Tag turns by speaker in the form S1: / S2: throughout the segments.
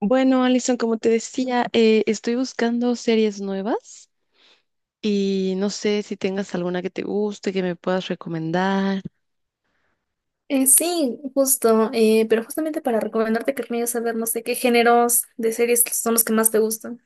S1: Bueno, Alison, como te decía, estoy buscando series nuevas y no sé si tengas alguna que te guste, que me puedas recomendar.
S2: Sí, justo, pero justamente para recomendarte que me a ver, no sé qué géneros de series son los que más te gustan.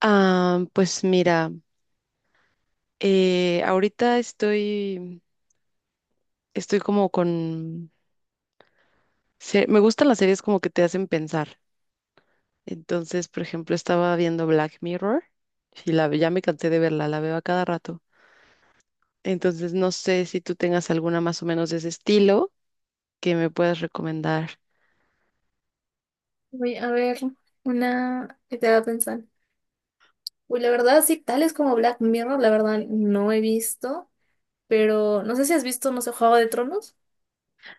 S1: Ah, pues mira, ahorita estoy, estoy como con... se- me gustan las series como que te hacen pensar. Entonces, por ejemplo, estaba viendo Black Mirror y ya me cansé de verla, la veo a cada rato. Entonces, no sé si tú tengas alguna más o menos de ese estilo que me puedas recomendar.
S2: Voy a ver una que te a pensar. Uy, la verdad, sí, tales como Black Mirror, la verdad no he visto, pero no sé si has visto, no sé, Juego de Tronos.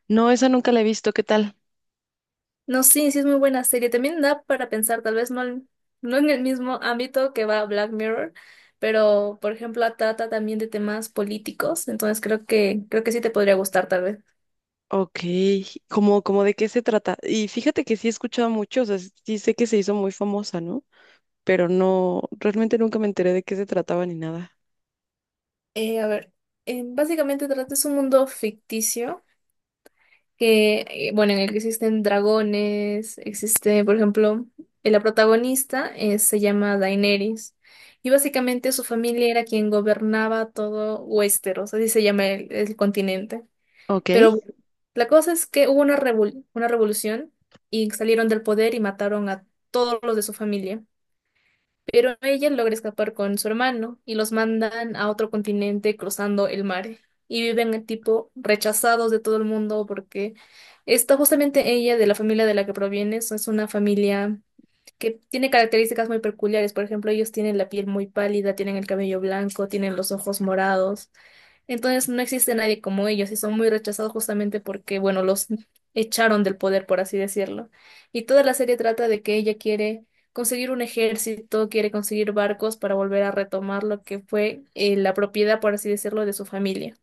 S1: No, esa nunca la he visto, ¿qué tal?
S2: No, sí, sí es muy buena serie. También da para pensar, tal vez no, no en el mismo ámbito que va Black Mirror, pero por ejemplo trata también de temas políticos, entonces creo que sí te podría gustar tal vez.
S1: Ok, como de qué se trata. Y fíjate que sí he escuchado mucho, o sea, sí sé que se hizo muy famosa, ¿no? Pero no, realmente nunca me enteré de qué se trataba ni nada.
S2: A ver, básicamente trata es un mundo ficticio que, bueno, en el que existen dragones, existe, por ejemplo, la protagonista se llama Daenerys y básicamente su familia era quien gobernaba todo Westeros, así se llama el continente.
S1: Ok,
S2: Pero bueno, la cosa es que hubo una una revolución y salieron del poder y mataron a todos los de su familia, pero ella logra escapar con su hermano y los mandan a otro continente cruzando el mar. Y viven tipo rechazados de todo el mundo porque está justamente ella de la familia de la que proviene, es una familia que tiene características muy peculiares. Por ejemplo, ellos tienen la piel muy pálida, tienen el cabello blanco, tienen los ojos morados. Entonces no existe nadie como ellos y son muy rechazados justamente porque, bueno, los echaron del poder, por así decirlo. Y toda la serie trata de que ella quiere conseguir un ejército, quiere conseguir barcos para volver a retomar lo que fue la propiedad, por así decirlo, de su familia.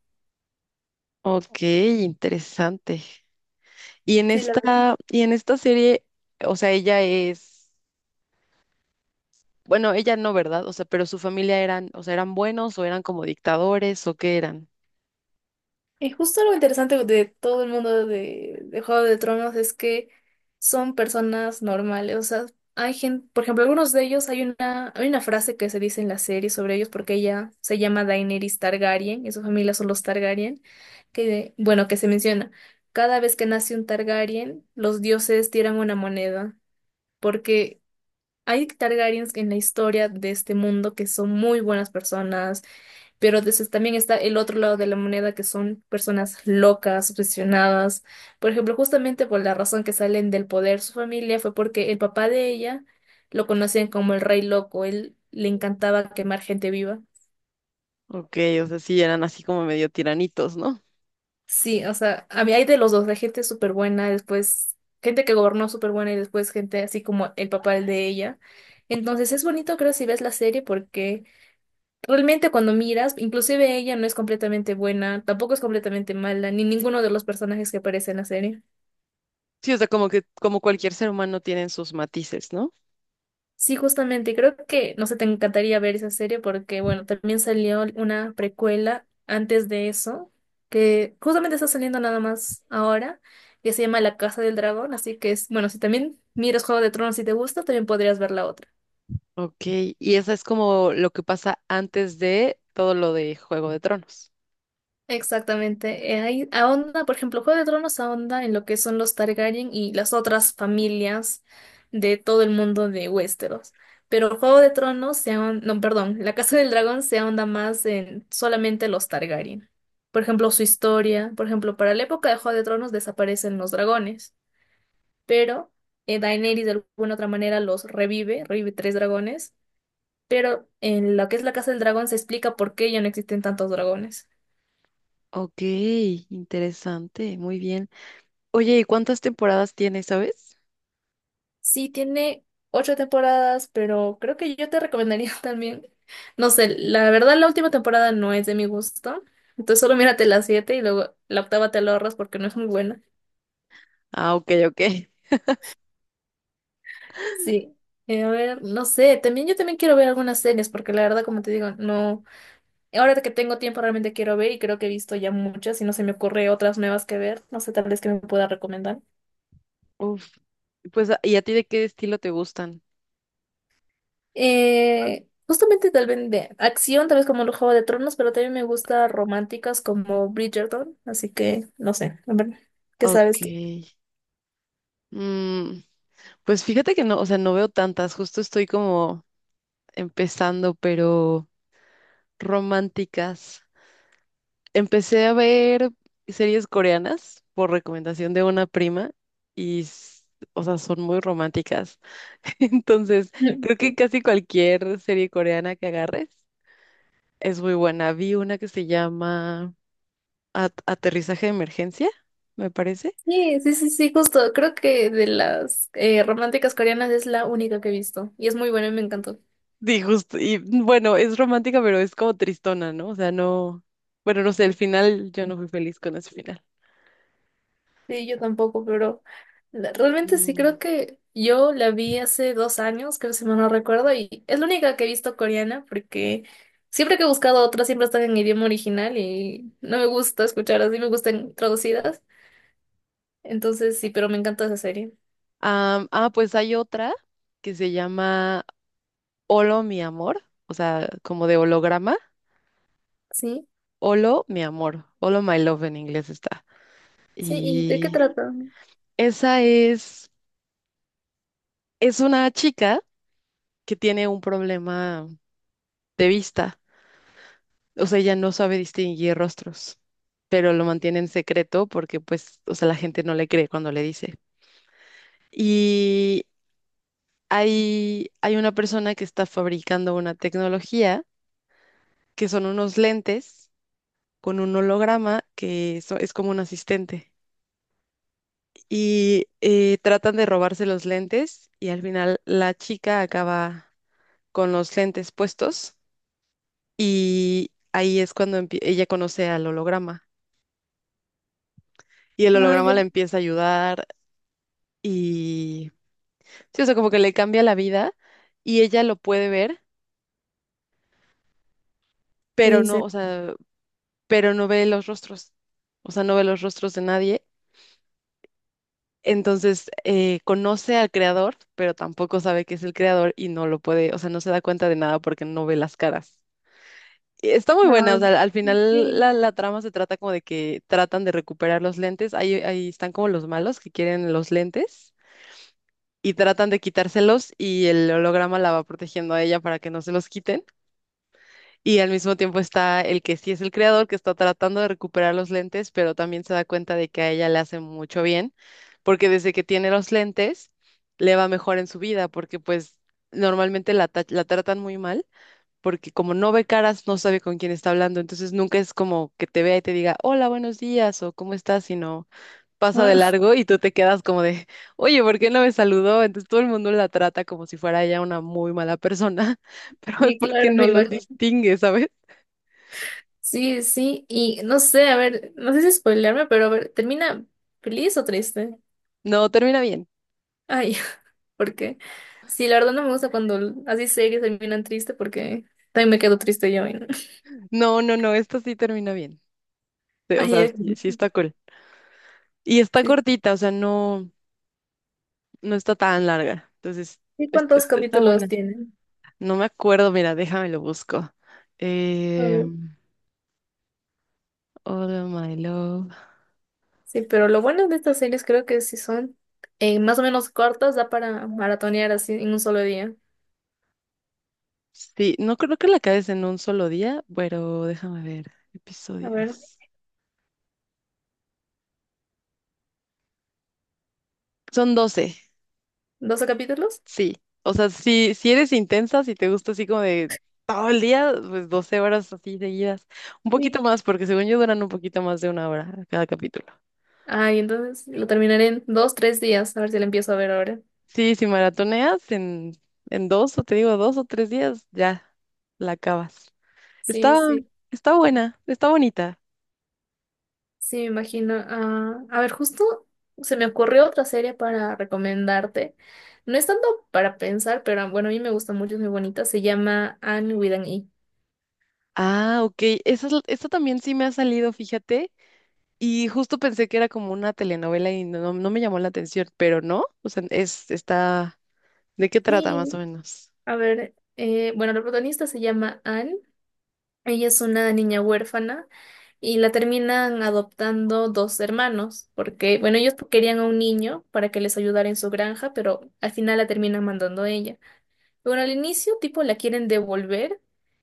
S1: ok, interesante. Y en esta serie, o sea, ella es, bueno, ella no, ¿verdad? O sea, pero su familia eran, o sea, eran buenos o eran como dictadores o qué eran.
S2: Y justo lo interesante de todo el mundo de Juego de Tronos es que son personas normales. O sea, hay gente, por ejemplo, algunos de ellos, hay una frase que se dice en la serie sobre ellos, porque ella se llama Daenerys Targaryen, y su familia son los Targaryen, que se menciona. Cada vez que nace un Targaryen, los dioses tiran una moneda, porque hay Targaryens en la historia de este mundo que son muy buenas personas, pero entonces también está el otro lado de la moneda, que son personas locas, obsesionadas. Por ejemplo, justamente por la razón que salen del poder su familia fue porque el papá de ella lo conocían como el rey loco. Él le encantaba quemar gente viva.
S1: Ok, o sea, sí eran así como medio tiranitos, ¿no?
S2: Sí, o sea, a mí hay de los dos, de gente súper buena, después gente que gobernó súper buena y después gente así como el papá de ella. Entonces es bonito, creo, si ves la serie porque realmente cuando miras, inclusive ella no es completamente buena, tampoco es completamente mala, ni ninguno de los personajes que aparece en la serie.
S1: Sí, o sea, como que, como cualquier ser humano tienen sus matices, ¿no?
S2: Sí, justamente, y creo que, no sé, te encantaría ver esa serie porque, bueno, también salió una precuela antes de eso, que justamente está saliendo nada más ahora, que se llama La Casa del Dragón, así que es, bueno, si también miras Juego de Tronos y te gusta, también podrías ver la otra.
S1: Ok, y esa es como lo que pasa antes de todo lo de Juego de Tronos.
S2: Exactamente. Ahí ahonda, por ejemplo, Juego de Tronos ahonda en lo que son los Targaryen y las otras familias de todo el mundo de Westeros. Pero Juego de Tronos se ahonda, no, perdón, La Casa del Dragón se ahonda más en solamente los Targaryen. Por ejemplo, su historia, por ejemplo, para la época de Juego de Tronos desaparecen los dragones, pero Daenerys de alguna otra manera los revive, revive tres dragones, pero en lo que es la Casa del Dragón se explica por qué ya no existen tantos dragones.
S1: Ok, interesante, muy bien. Oye, ¿y cuántas temporadas tiene, sabes?
S2: Sí, tiene ocho temporadas, pero creo que yo te recomendaría también. No sé, la verdad la última temporada no es de mi gusto. Entonces solo mírate las siete y luego la octava te la ahorras porque no es muy buena.
S1: Ah, ok, ok.
S2: Sí. A ver, no sé, también yo también quiero ver algunas series porque la verdad, como te digo, no. Ahora que tengo tiempo realmente quiero ver y creo que he visto ya muchas y no se me ocurre otras nuevas que ver. No sé, tal vez que me pueda recomendar.
S1: Uf, pues, ¿y a ti de qué estilo te gustan?
S2: Justamente tal vez de acción, tal vez como el Juego de Tronos, pero también me gusta románticas como Bridgerton, así que no sé, a ver, ¿qué
S1: Ok.
S2: sabes tú?
S1: Mm, pues fíjate que no, o sea, no veo tantas, justo estoy como empezando, pero románticas. Empecé a ver series coreanas por recomendación de una prima y, o sea, son muy románticas. Entonces, creo que
S2: Mm.
S1: casi cualquier serie coreana que agarres es muy buena. Vi una que se llama Aterrizaje de Emergencia, me parece.
S2: Sí, sí, sí, sí, justo, creo que de las románticas coreanas es la única que he visto y es muy buena y me encantó.
S1: Y justo, y bueno, es romántica, pero es como tristona, ¿no? O sea, no, bueno, no sé, el final, yo no fui feliz con ese final.
S2: Sí, yo tampoco, pero realmente sí
S1: Mm.
S2: creo que yo la vi hace dos años, creo si mal no recuerdo, y es la única que he visto coreana porque siempre que he buscado otras siempre están en idioma original y no me gusta escuchar así, me gustan traducidas. Entonces sí, pero me encanta esa serie.
S1: Ah, pues hay otra que se llama Holo, mi amor, o sea, como de holograma.
S2: Sí,
S1: Holo, mi amor. Holo, my love en inglés está.
S2: sí, ¿y de qué
S1: Y
S2: trata?
S1: esa es una chica que tiene un problema de vista. O sea, ella no sabe distinguir rostros, pero lo mantiene en secreto porque, pues, o sea, la gente no le cree cuando le dice. Y hay una persona que está fabricando una tecnología que son unos lentes con un holograma que es como un asistente. Y tratan de robarse los lentes y al final la chica acaba con los lentes puestos y ahí es cuando ella conoce al holograma y el
S2: Ah,
S1: holograma
S2: ya.
S1: la empieza a ayudar y sí, o sea, como que le cambia la vida y ella lo puede ver, pero
S2: Sí,
S1: no,
S2: sí.
S1: o sea, pero no ve los rostros, o sea, no ve los rostros de nadie. Entonces conoce al creador, pero tampoco sabe que es el creador y no lo puede, o sea, no se da cuenta de nada porque no ve las caras. Está muy buena, o
S2: Ah,
S1: sea, al final
S2: sí.
S1: la trama se trata como de que tratan de recuperar los lentes, ahí están como los malos que quieren los lentes y tratan de quitárselos y el holograma la va protegiendo a ella para que no se los quiten y al mismo tiempo está el que sí es el creador que está tratando de recuperar los lentes, pero también se da cuenta de que a ella le hace mucho bien porque desde que tiene los lentes le va mejor en su vida porque pues normalmente la tratan muy mal porque como no ve caras, no sabe con quién está hablando, entonces nunca es como que te vea y te diga, hola, buenos días o cómo estás, sino pasa de
S2: Ah,
S1: largo y tú te quedas como de, oye, ¿por qué no me saludó? Entonces todo el mundo la trata como si fuera ella una muy mala persona, pero es
S2: sí,
S1: porque
S2: claro,
S1: no
S2: me
S1: los
S2: imagino.
S1: distingue, ¿sabes?
S2: Sí, sí, y no sé, a ver, no sé si spoilearme, pero a ver, ¿termina feliz o triste?
S1: No, termina bien.
S2: Ay. Porque sí, la verdad no me gusta cuando así series terminan triste porque también me quedo triste yo. Y no.
S1: No, no, no, esta sí termina bien. Sí, o
S2: Ay,
S1: sea, sí, sí está cool. Y está
S2: sí.
S1: cortita, o sea, no, no está tan larga. Entonces,
S2: ¿Y cuántos
S1: está buena.
S2: capítulos tienen?
S1: No me acuerdo, mira, déjame lo busco.
S2: A ver.
S1: Em, All my love.
S2: Sí, pero lo bueno de estas series creo que si son más o menos cortas, da para maratonear así en un solo día.
S1: Sí, no creo que la acabes en un solo día, pero déjame ver.
S2: A ver,
S1: Episodios. Son 12,
S2: ¿12 capítulos?
S1: sí. O sea, si eres intensa, si te gusta así como de todo el día, pues 12 horas así seguidas. Un poquito
S2: Sí.
S1: más, porque según yo duran un poquito más de una hora cada capítulo.
S2: Ay, entonces lo terminaré en dos, tres días. A ver si lo empiezo a ver ahora.
S1: Sí, si maratoneas en dos, o te digo 2 o 3 días, ya la acabas.
S2: Sí,
S1: Está,
S2: sí.
S1: está buena, está bonita.
S2: Sí, me imagino. Ah, a ver, justo se me ocurrió otra serie para recomendarte. No es tanto para pensar, pero ah, bueno, a mí me gusta mucho, es muy bonita. Se llama Anne with an E.
S1: Ah, ok. Esa, esta también sí me ha salido, fíjate. Y justo pensé que era como una telenovela y no, no me llamó la atención, pero no, o sea, es, está, ¿de qué trata más o
S2: Sí,
S1: menos?
S2: a ver, bueno, la protagonista se llama Anne. Ella es una niña huérfana y la terminan adoptando dos hermanos, porque, bueno, ellos querían a un niño para que les ayudara en su granja, pero al final la terminan mandando ella. Bueno, al inicio, tipo, la quieren devolver.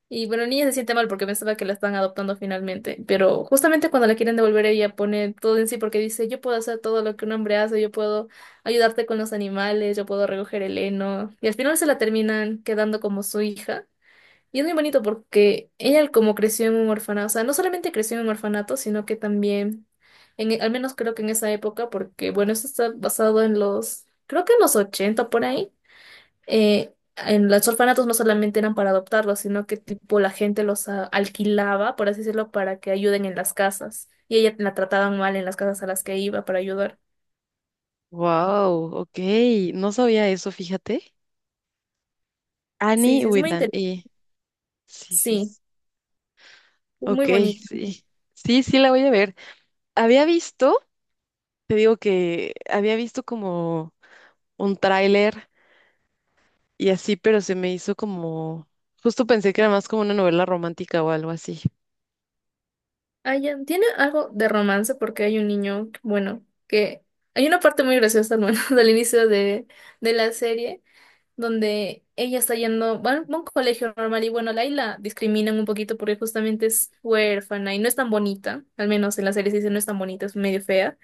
S2: Y bueno, la niña se siente mal porque pensaba que la están adoptando finalmente. Pero justamente cuando la quieren devolver, ella pone todo en sí porque dice, yo puedo hacer todo lo que un hombre hace, yo puedo ayudarte con los animales, yo puedo recoger el heno. Y al final se la terminan quedando como su hija. Y es muy bonito porque ella como creció en un orfanato, o sea, no solamente creció en un orfanato, sino que también, en, al menos creo que en esa época, porque bueno, esto está basado en los, creo que en los 80 por ahí en los orfanatos no solamente eran para adoptarlos, sino que tipo la gente los alquilaba, por así decirlo, para que ayuden en las casas. Y ella la trataban mal en las casas a las que iba para ayudar.
S1: Wow, ok, no sabía eso, fíjate.
S2: Sí,
S1: Annie
S2: sí, es
S1: with
S2: muy
S1: an
S2: interesante.
S1: E. Sí, sí,
S2: Sí,
S1: sí.
S2: es muy
S1: Ok,
S2: bonito.
S1: sí. Sí, sí, la voy a ver. Había visto, te digo que había visto como un tráiler y así, pero se me hizo como, justo pensé que era más como una novela romántica o algo así.
S2: Ah, ya, tiene algo de romance porque hay un niño, bueno, que hay una parte muy graciosa, bueno, del inicio de la serie donde ella está yendo, bueno, a un colegio normal y bueno, la discriminan un poquito porque justamente es huérfana y no es tan bonita, al menos en la serie se dice no es tan bonita, es medio fea.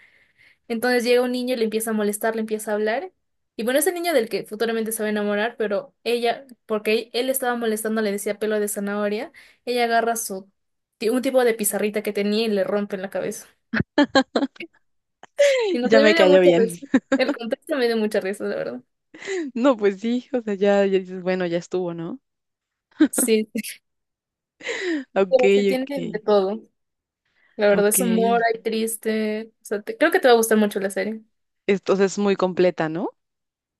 S2: Entonces llega un niño y le empieza a molestar, le empieza a hablar. Y bueno, es el niño del que futuramente se va a enamorar, pero ella, porque él estaba molestando, le decía pelo de zanahoria, ella agarra su, un tipo de pizarrita que tenía y le rompe en la cabeza. Y no
S1: Ya
S2: se
S1: me
S2: me dio
S1: cayó
S2: mucha
S1: bien.
S2: risa. El contexto me dio mucha risa, la verdad.
S1: No, pues sí, o sea, ya, ya dices, bueno, ya estuvo, ¿no?
S2: Sí, sí,
S1: Ok,
S2: pero se tiene de
S1: ok,
S2: todo. La verdad
S1: ok.
S2: es humor, hay triste. O sea, creo que te va a gustar mucho la serie.
S1: Entonces es muy completa, ¿no?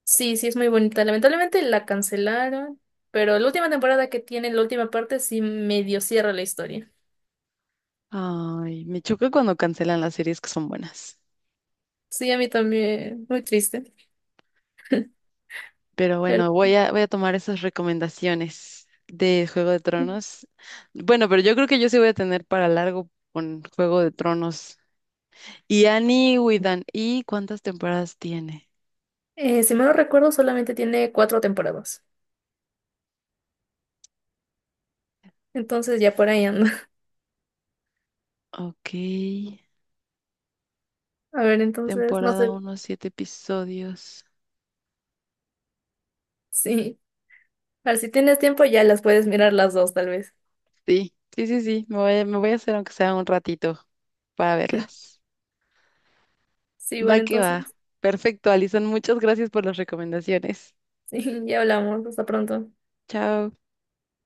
S2: Sí, sí, es muy bonita. Lamentablemente la cancelaron, pero la última temporada que tiene, la última parte, sí medio cierra la historia.
S1: Ay, me choca cuando cancelan las series que son buenas.
S2: Sí, a mí también, muy triste.
S1: Pero
S2: Pero,
S1: bueno, voy a tomar esas recomendaciones de Juego de Tronos. Bueno, pero yo creo que yo sí voy a tener para largo con Juego de Tronos. Y Annie Widan, ¿y cuántas temporadas tiene?
S2: si me lo recuerdo, solamente tiene cuatro temporadas. Entonces ya por ahí anda.
S1: Ok,
S2: A ver, entonces, no
S1: temporada
S2: sé,
S1: uno, 7 episodios.
S2: sí. A ver, si tienes tiempo ya las puedes mirar las dos, tal vez.
S1: Sí, sí, sí, sí, me voy a hacer aunque sea un ratito para verlas.
S2: Sí,
S1: Va
S2: bueno,
S1: que va.
S2: entonces,
S1: Perfecto, Alison. Muchas gracias por las recomendaciones.
S2: sí, ya hablamos. Hasta pronto.
S1: Chao.